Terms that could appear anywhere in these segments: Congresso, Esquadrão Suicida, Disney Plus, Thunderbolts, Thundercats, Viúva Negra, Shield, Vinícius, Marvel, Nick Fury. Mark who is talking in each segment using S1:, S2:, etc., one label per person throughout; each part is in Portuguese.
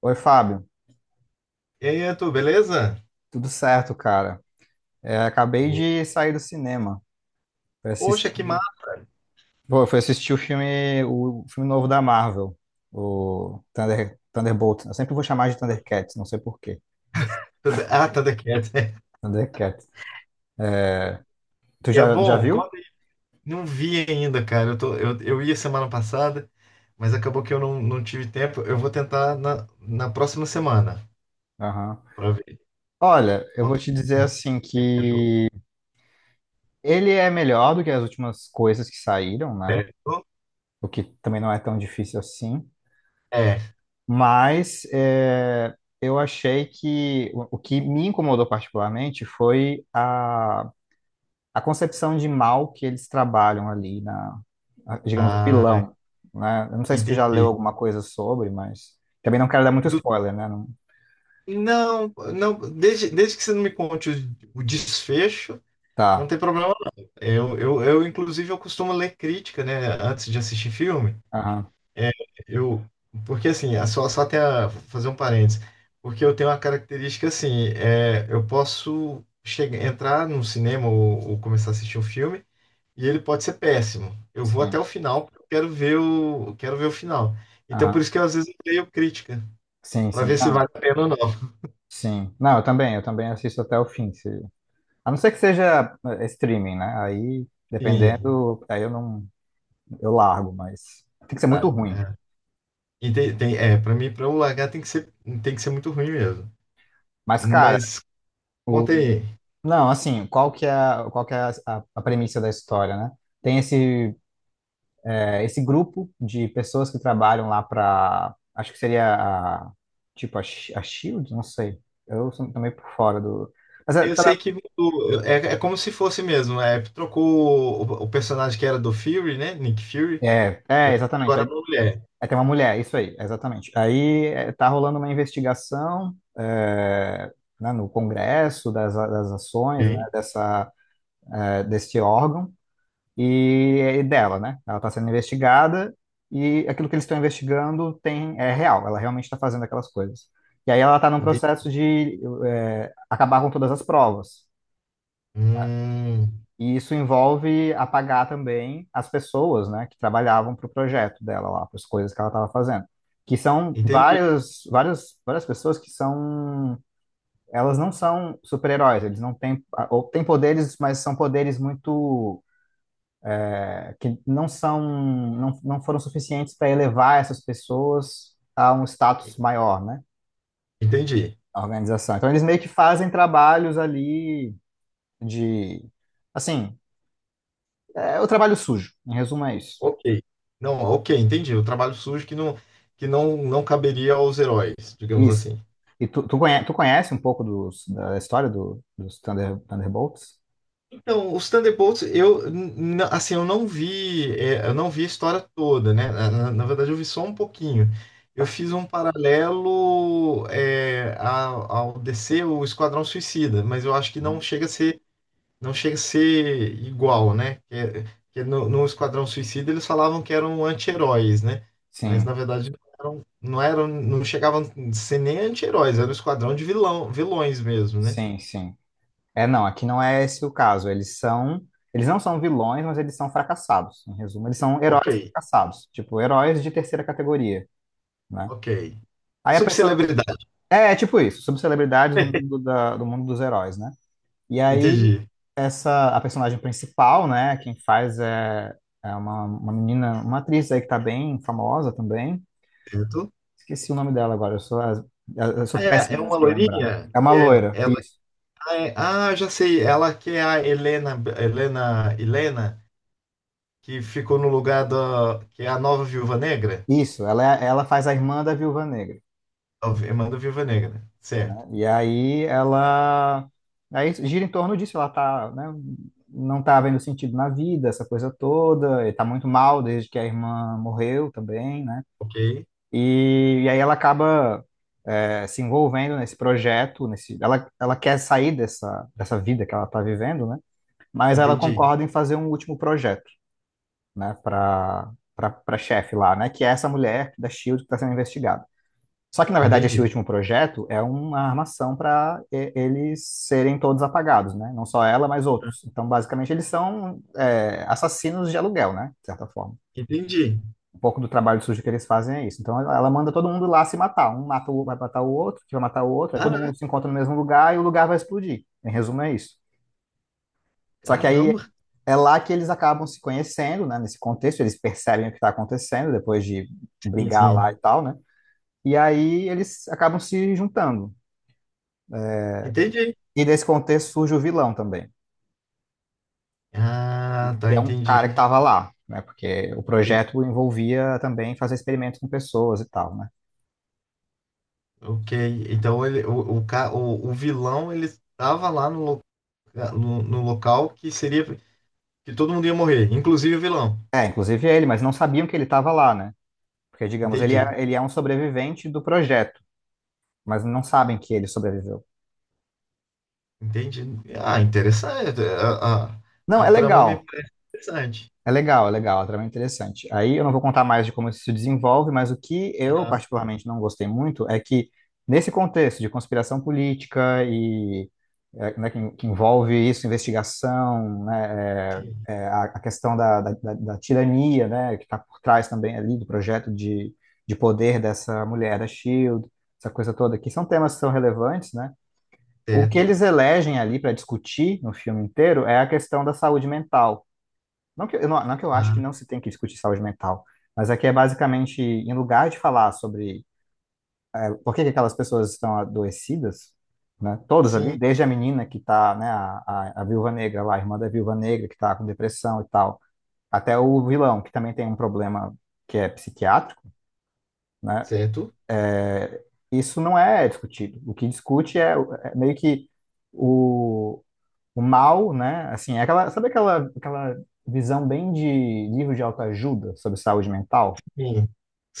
S1: Oi, Fábio.
S2: E aí, Arthur, beleza?
S1: Tudo certo, cara? É, acabei de sair do cinema. Fui
S2: Poxa,
S1: assistir,
S2: que massa!
S1: pô, eu fui assistir o filme novo da Marvel, o Thunderbolt. Eu sempre vou chamar de Thundercats, não sei por quê.
S2: Ah, Thundercats.
S1: Thundercats. Tu
S2: É
S1: já
S2: bom?
S1: viu?
S2: Conta aí. Não vi ainda, cara. Eu ia semana passada, mas acabou que eu não tive tempo. Eu vou tentar na próxima semana
S1: Aham.
S2: pra ver.
S1: Olha, eu vou
S2: Conta
S1: te dizer
S2: aí.
S1: assim
S2: Achou?
S1: que ele é melhor do que as últimas coisas que saíram, né?
S2: Certo?
S1: O que também não é tão difícil assim.
S2: É.
S1: Mas é, eu achei que o que me incomodou particularmente foi a concepção de mal que eles trabalham ali na, digamos, o
S2: Ah,
S1: vilão, né? Eu não sei se tu já leu
S2: entendi.
S1: alguma coisa sobre, mas também não quero dar muito
S2: Do-
S1: spoiler, né? Não.
S2: não, não, desde, desde que você não me conte o desfecho, não
S1: Tá.
S2: tem problema não. Inclusive, eu costumo ler crítica, né, antes de assistir filme.
S1: Aham.
S2: É, eu, Porque assim, é só fazer um parênteses, porque eu tenho uma característica assim, eu posso chegar, entrar num cinema ou começar a assistir um filme e ele pode ser péssimo. Eu vou até
S1: Sim.
S2: o final, porque eu quero quero ver o final. Então por
S1: Aham.
S2: isso às vezes eu leio crítica,
S1: Sim,
S2: para
S1: sim.
S2: ver se vale
S1: Não.
S2: a pena ou não.
S1: Sim. Não, eu também assisto até o fim, se... A não ser que seja streaming, né? Aí,
S2: Sim,
S1: dependendo, aí eu não, eu largo, mas tem que ser muito
S2: sabe?
S1: ruim.
S2: E, para mim, para eu largar tem que ser muito ruim mesmo.
S1: Mas, cara,
S2: Mas conta
S1: o...
S2: aí.
S1: Não, assim, qual que é, qual que é a, a premissa da história, né? Tem esse é, esse grupo de pessoas que trabalham lá para, acho que seria a, tipo a, a Shield, não sei. Eu sou também por fora do. Mas é,
S2: Eu sei que mudou. É, é como se fosse mesmo. É, trocou o personagem que era do Fury, né? Nick Fury.
S1: é,
S2: Eu
S1: é, exatamente.
S2: Agora
S1: Aí,
S2: é uma mulher.
S1: aí tem uma mulher, isso aí, exatamente. Aí é, tá rolando uma investigação né, no Congresso das, das ações, né,
S2: Ok?
S1: dessa, é, desse órgão. E dela, né? Ela está sendo investigada e aquilo que eles estão investigando tem é real, ela realmente está fazendo aquelas coisas. E aí ela está num
S2: Entendi.
S1: processo de é, acabar com todas as provas.
S2: Hum,
S1: E isso envolve apagar também as pessoas, né, que trabalhavam para o projeto dela lá, para as coisas que ela estava fazendo. Que são
S2: entendi.
S1: várias, várias pessoas que são elas não são super-heróis, eles não têm, ou têm poderes, mas são poderes muito que não são, não foram suficientes para elevar essas pessoas a um status maior, né?
S2: Entendi.
S1: A organização. Então eles meio que fazem trabalhos ali de, assim, é o trabalho sujo. Em resumo é isso.
S2: Ok. Não, ok, entendi. O trabalho sujo que não, não caberia aos heróis, digamos
S1: Isso.
S2: assim.
S1: E conhece, tu conhece um pouco dos, da história do, dos Thunderbolts?
S2: Então, os Thunderbolts, eu n- n- assim, eu não vi, eu não vi a história toda, né? Na verdade, eu vi só um pouquinho. Eu fiz um paralelo ao DC, o Esquadrão Suicida, mas eu acho que não
S1: Uhum.
S2: chega a ser, não chega a ser igual, né? Que é no Esquadrão Suicida eles falavam que eram anti-heróis, né? Mas na
S1: Sim,
S2: verdade não eram, não chegavam a ser nem anti-heróis, era um esquadrão de vilões mesmo, né?
S1: sim, sim. É, não, aqui não é esse o caso. Eles são, eles não são vilões, mas eles são fracassados. Em resumo, eles são
S2: Ok,
S1: heróis fracassados, tipo heróis de terceira categoria. Né?
S2: ok.
S1: Aí a pessoa.
S2: Subcelebridade.
S1: É, é tipo isso, sobre celebridades do mundo, da, do mundo dos heróis, né? E aí,
S2: Entendi.
S1: essa, a personagem principal, né? Quem faz é, é uma menina, uma atriz aí que tá bem famosa também.
S2: Certo?
S1: Esqueci o nome dela agora, eu sou, eu sou
S2: Ah, é,
S1: péssimo
S2: é uma
S1: para lembrar.
S2: loirinha
S1: É uma
S2: que é,
S1: loira,
S2: ela,
S1: isso.
S2: ah, é- ah, já sei, ela que é a Helena, Helena, que ficou no lugar da, que é a nova Viúva Negra,
S1: Isso, ela, ela faz a irmã da Viúva Negra.
S2: a irmã da Viúva Negra, certo?
S1: E aí ela aí gira em torno disso, ela tá, né, não tá vendo sentido na vida, essa coisa toda, e tá muito mal desde que a irmã morreu também, né?
S2: Ok,
S1: E aí ela acaba é, se envolvendo nesse projeto, nesse, ela quer sair dessa, dessa vida que ela tá vivendo, né? Mas ela
S2: entendi,
S1: concorda em fazer um último projeto, né, para para chefe lá, né, que é essa mulher da Shield que está sendo investigada. Só que, na verdade, esse
S2: entendi,
S1: último projeto é uma armação para eles serem todos apagados, né? Não só ela, mas outros. Então, basicamente, eles são é, assassinos de aluguel, né? De certa forma.
S2: entendi.
S1: Um pouco do trabalho sujo que eles fazem é isso. Então, ela manda todo mundo lá se matar. Um mata o, vai matar o outro, que vai matar o outro. Aí todo
S2: Ah,
S1: mundo se encontra no mesmo lugar e o lugar vai explodir. Em resumo, é isso. Só que aí
S2: caramba,
S1: é lá que eles acabam se conhecendo, né? Nesse contexto, eles percebem o que está acontecendo depois de
S2: sim,
S1: brigar lá
S2: sim,
S1: e tal, né? E aí eles acabam se juntando.
S2: entendi.
S1: E desse contexto surge o vilão também,
S2: Ah,
S1: que
S2: tá,
S1: é um
S2: entendi.
S1: cara que estava lá, né? Porque o
S2: E-
S1: projeto envolvia também fazer experimentos com pessoas e tal, né?
S2: ok, então ele, o vilão ele estava lá no local que seria que todo mundo ia morrer, inclusive o vilão.
S1: É, inclusive ele, mas não sabiam que ele estava lá, né? Porque, digamos,
S2: Entendi.
S1: ele é um sobrevivente do projeto, mas não sabem que ele sobreviveu.
S2: Entendi. Ah, interessante.
S1: Não,
S2: A
S1: é
S2: trama me é
S1: legal.
S2: interessante.
S1: É legal, é legal, a trama é interessante. Aí eu não vou contar mais de como isso se desenvolve, mas o que eu
S2: Ah,
S1: particularmente não gostei muito é que, nesse contexto de conspiração política e é, né, que envolve isso, investigação, né,
S2: sim.
S1: é, é, a questão da, da, da tirania, né, que está por trás também ali do projeto de poder dessa mulher da Shield, essa coisa toda, que são temas que são relevantes, né? O que
S2: Certo.
S1: eles elegem ali para discutir no filme inteiro é a questão da saúde mental não que, eu não, não que eu acho que
S2: Ah,
S1: não se tem que discutir saúde mental, mas aqui é basicamente, em lugar de falar sobre por que que aquelas pessoas estão adoecidas, né, todos ali,
S2: sim.
S1: desde a menina que está, né, a viúva negra lá, a irmã da viúva negra que está com depressão e tal, até o vilão, que também tem um problema que é psiquiátrico, né,
S2: Certo.
S1: é, isso não é discutido. O que discute é, é meio que o, o mal, né, assim, é aquela, sabe aquela, aquela visão bem de livro de autoajuda sobre saúde mental?
S2: Sim.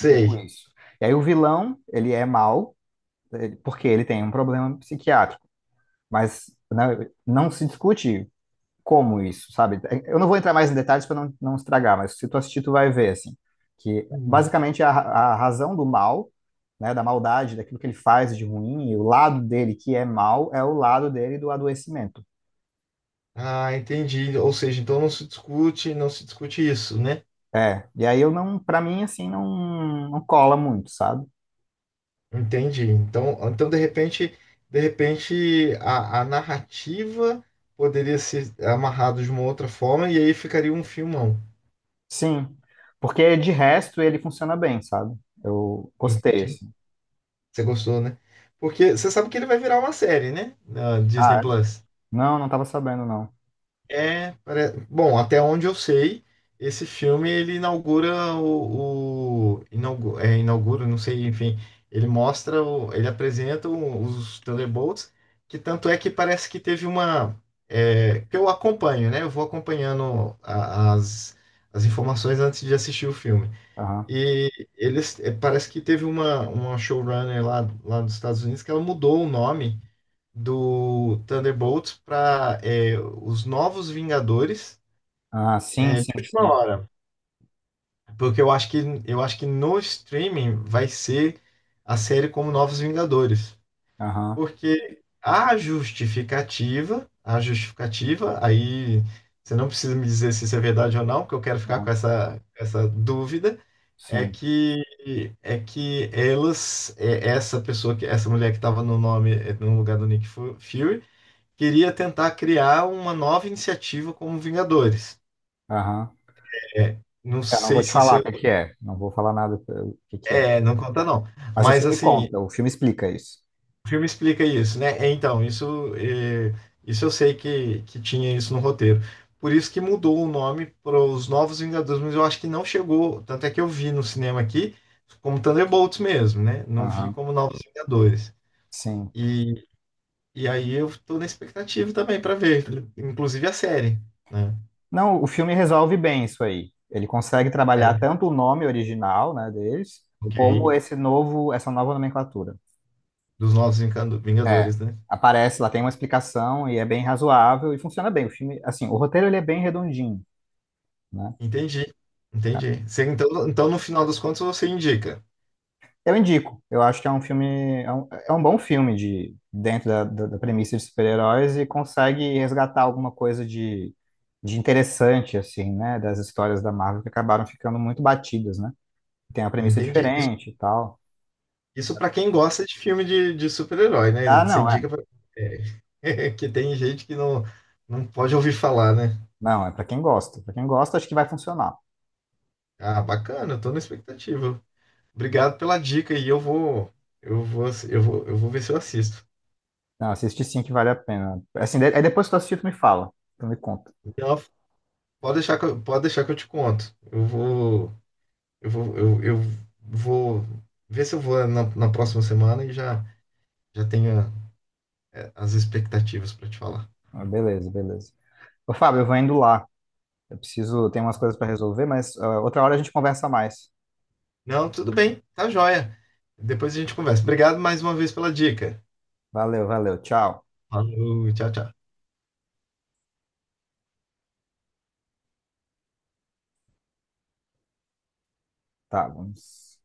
S1: Um pouco isso. E aí o vilão, ele é mau, porque ele tem um problema psiquiátrico, mas né, não se discute como isso, sabe? Eu não vou entrar mais em detalhes para não, não estragar, mas se tu assistir, tu vai ver, assim, que
S2: Hum.
S1: basicamente a razão do mal, né, da maldade, daquilo que ele faz de ruim, e o lado dele que é mal, é o lado dele do adoecimento.
S2: Ah, entendi. Ou seja, então não se discute isso, né?
S1: É, e aí eu não, para mim, assim, não, não cola muito, sabe?
S2: Entendi. Então de repente a narrativa poderia ser amarrada de uma outra forma e aí ficaria um filmão.
S1: Sim, porque de resto ele funciona bem, sabe? Eu gostei,
S2: Entendi.
S1: assim.
S2: Você gostou, né? Porque você sabe que ele vai virar uma série, né? Na Disney
S1: Ah, é?
S2: Plus.
S1: Não, não tava sabendo, não.
S2: Bom, até onde eu sei, esse filme ele inaugura inaugura, não sei, enfim, ele mostra, ele apresenta os Thunderbolts, que tanto é que parece que teve uma que eu acompanho, né? Eu vou acompanhando as informações antes de assistir o filme.
S1: Aham.
S2: E eles parece que teve uma showrunner lá, lá dos Estados Unidos que ela mudou o nome do Thunderbolts para os Novos Vingadores
S1: Ah, sim,
S2: de
S1: sim,
S2: última
S1: sim.
S2: hora, porque eu acho que no streaming vai ser a série como Novos Vingadores,
S1: Aham,
S2: porque a justificativa, aí você não precisa me dizer se isso é verdade ou não, porque eu quero ficar com
S1: aham,
S2: essa dúvida. É
S1: sim.
S2: que É que essa pessoa que essa mulher que estava no nome no lugar do Fury queria tentar criar uma nova iniciativa como Vingadores.
S1: Aham.
S2: É, não
S1: Eu não vou
S2: sei
S1: te
S2: se isso
S1: falar o que que é. Não vou falar nada o que que é.
S2: é, não conta não.
S1: Mas o
S2: Mas
S1: filme
S2: assim,
S1: conta, o filme explica isso.
S2: o filme explica isso, né? É, então, isso é, isso eu sei que tinha isso no roteiro. Por isso que mudou o nome para os Novos Vingadores, mas eu acho que não chegou, tanto é que eu vi no cinema aqui como Thunderbolts mesmo, né? Não vi
S1: Aham,
S2: como Novos Vingadores.
S1: sim.
S2: E, e aí eu tô na expectativa também pra ver, inclusive a série, né?
S1: Não, o filme resolve bem isso aí. Ele consegue
S2: É,
S1: trabalhar tanto o nome original, né, deles,
S2: ok,
S1: como esse novo, essa nova nomenclatura.
S2: dos
S1: É.
S2: Vingadores, né?
S1: Aparece lá, tem uma explicação e é bem razoável e funciona bem. O filme, assim, o roteiro ele é bem redondinho, né?
S2: Entendi, entendi. Você, então, então, no final das contas, você indica.
S1: Eu indico. Eu acho que é um filme, é um bom filme de dentro da, da, da premissa de super-heróis e consegue resgatar alguma coisa de interessante, assim, né? Das histórias da Marvel que acabaram ficando muito batidas, né? Tem uma premissa
S2: Entendi. Isso,
S1: diferente e tal.
S2: isso para quem gosta de filme de super-herói, né?
S1: Ah,
S2: Você
S1: não, é.
S2: indica pra, é, que tem gente que não, não pode ouvir falar, né?
S1: Não, é pra quem gosta. Pra quem gosta, acho que vai funcionar.
S2: Ah, bacana, eu tô na expectativa. Obrigado pela dica e eu vou ver se eu assisto.
S1: Não, assiste sim que vale a pena. Assim, aí depois que tu assistir, tu me fala. Tu me conta.
S2: Então, pode deixar que eu te conto. Eu vou ver se eu vou na próxima semana e já, já tenho as expectativas para te falar.
S1: Ah, beleza, beleza. Ô, Fábio, eu vou indo lá. Eu preciso, tem umas coisas pra resolver, mas ah, outra hora a gente conversa mais.
S2: Não, tudo bem, tá joia. Depois a gente conversa. Obrigado mais uma vez pela dica.
S1: Valeu, valeu. Tchau.
S2: Falou, tchau, tchau.
S1: Tá, vamos.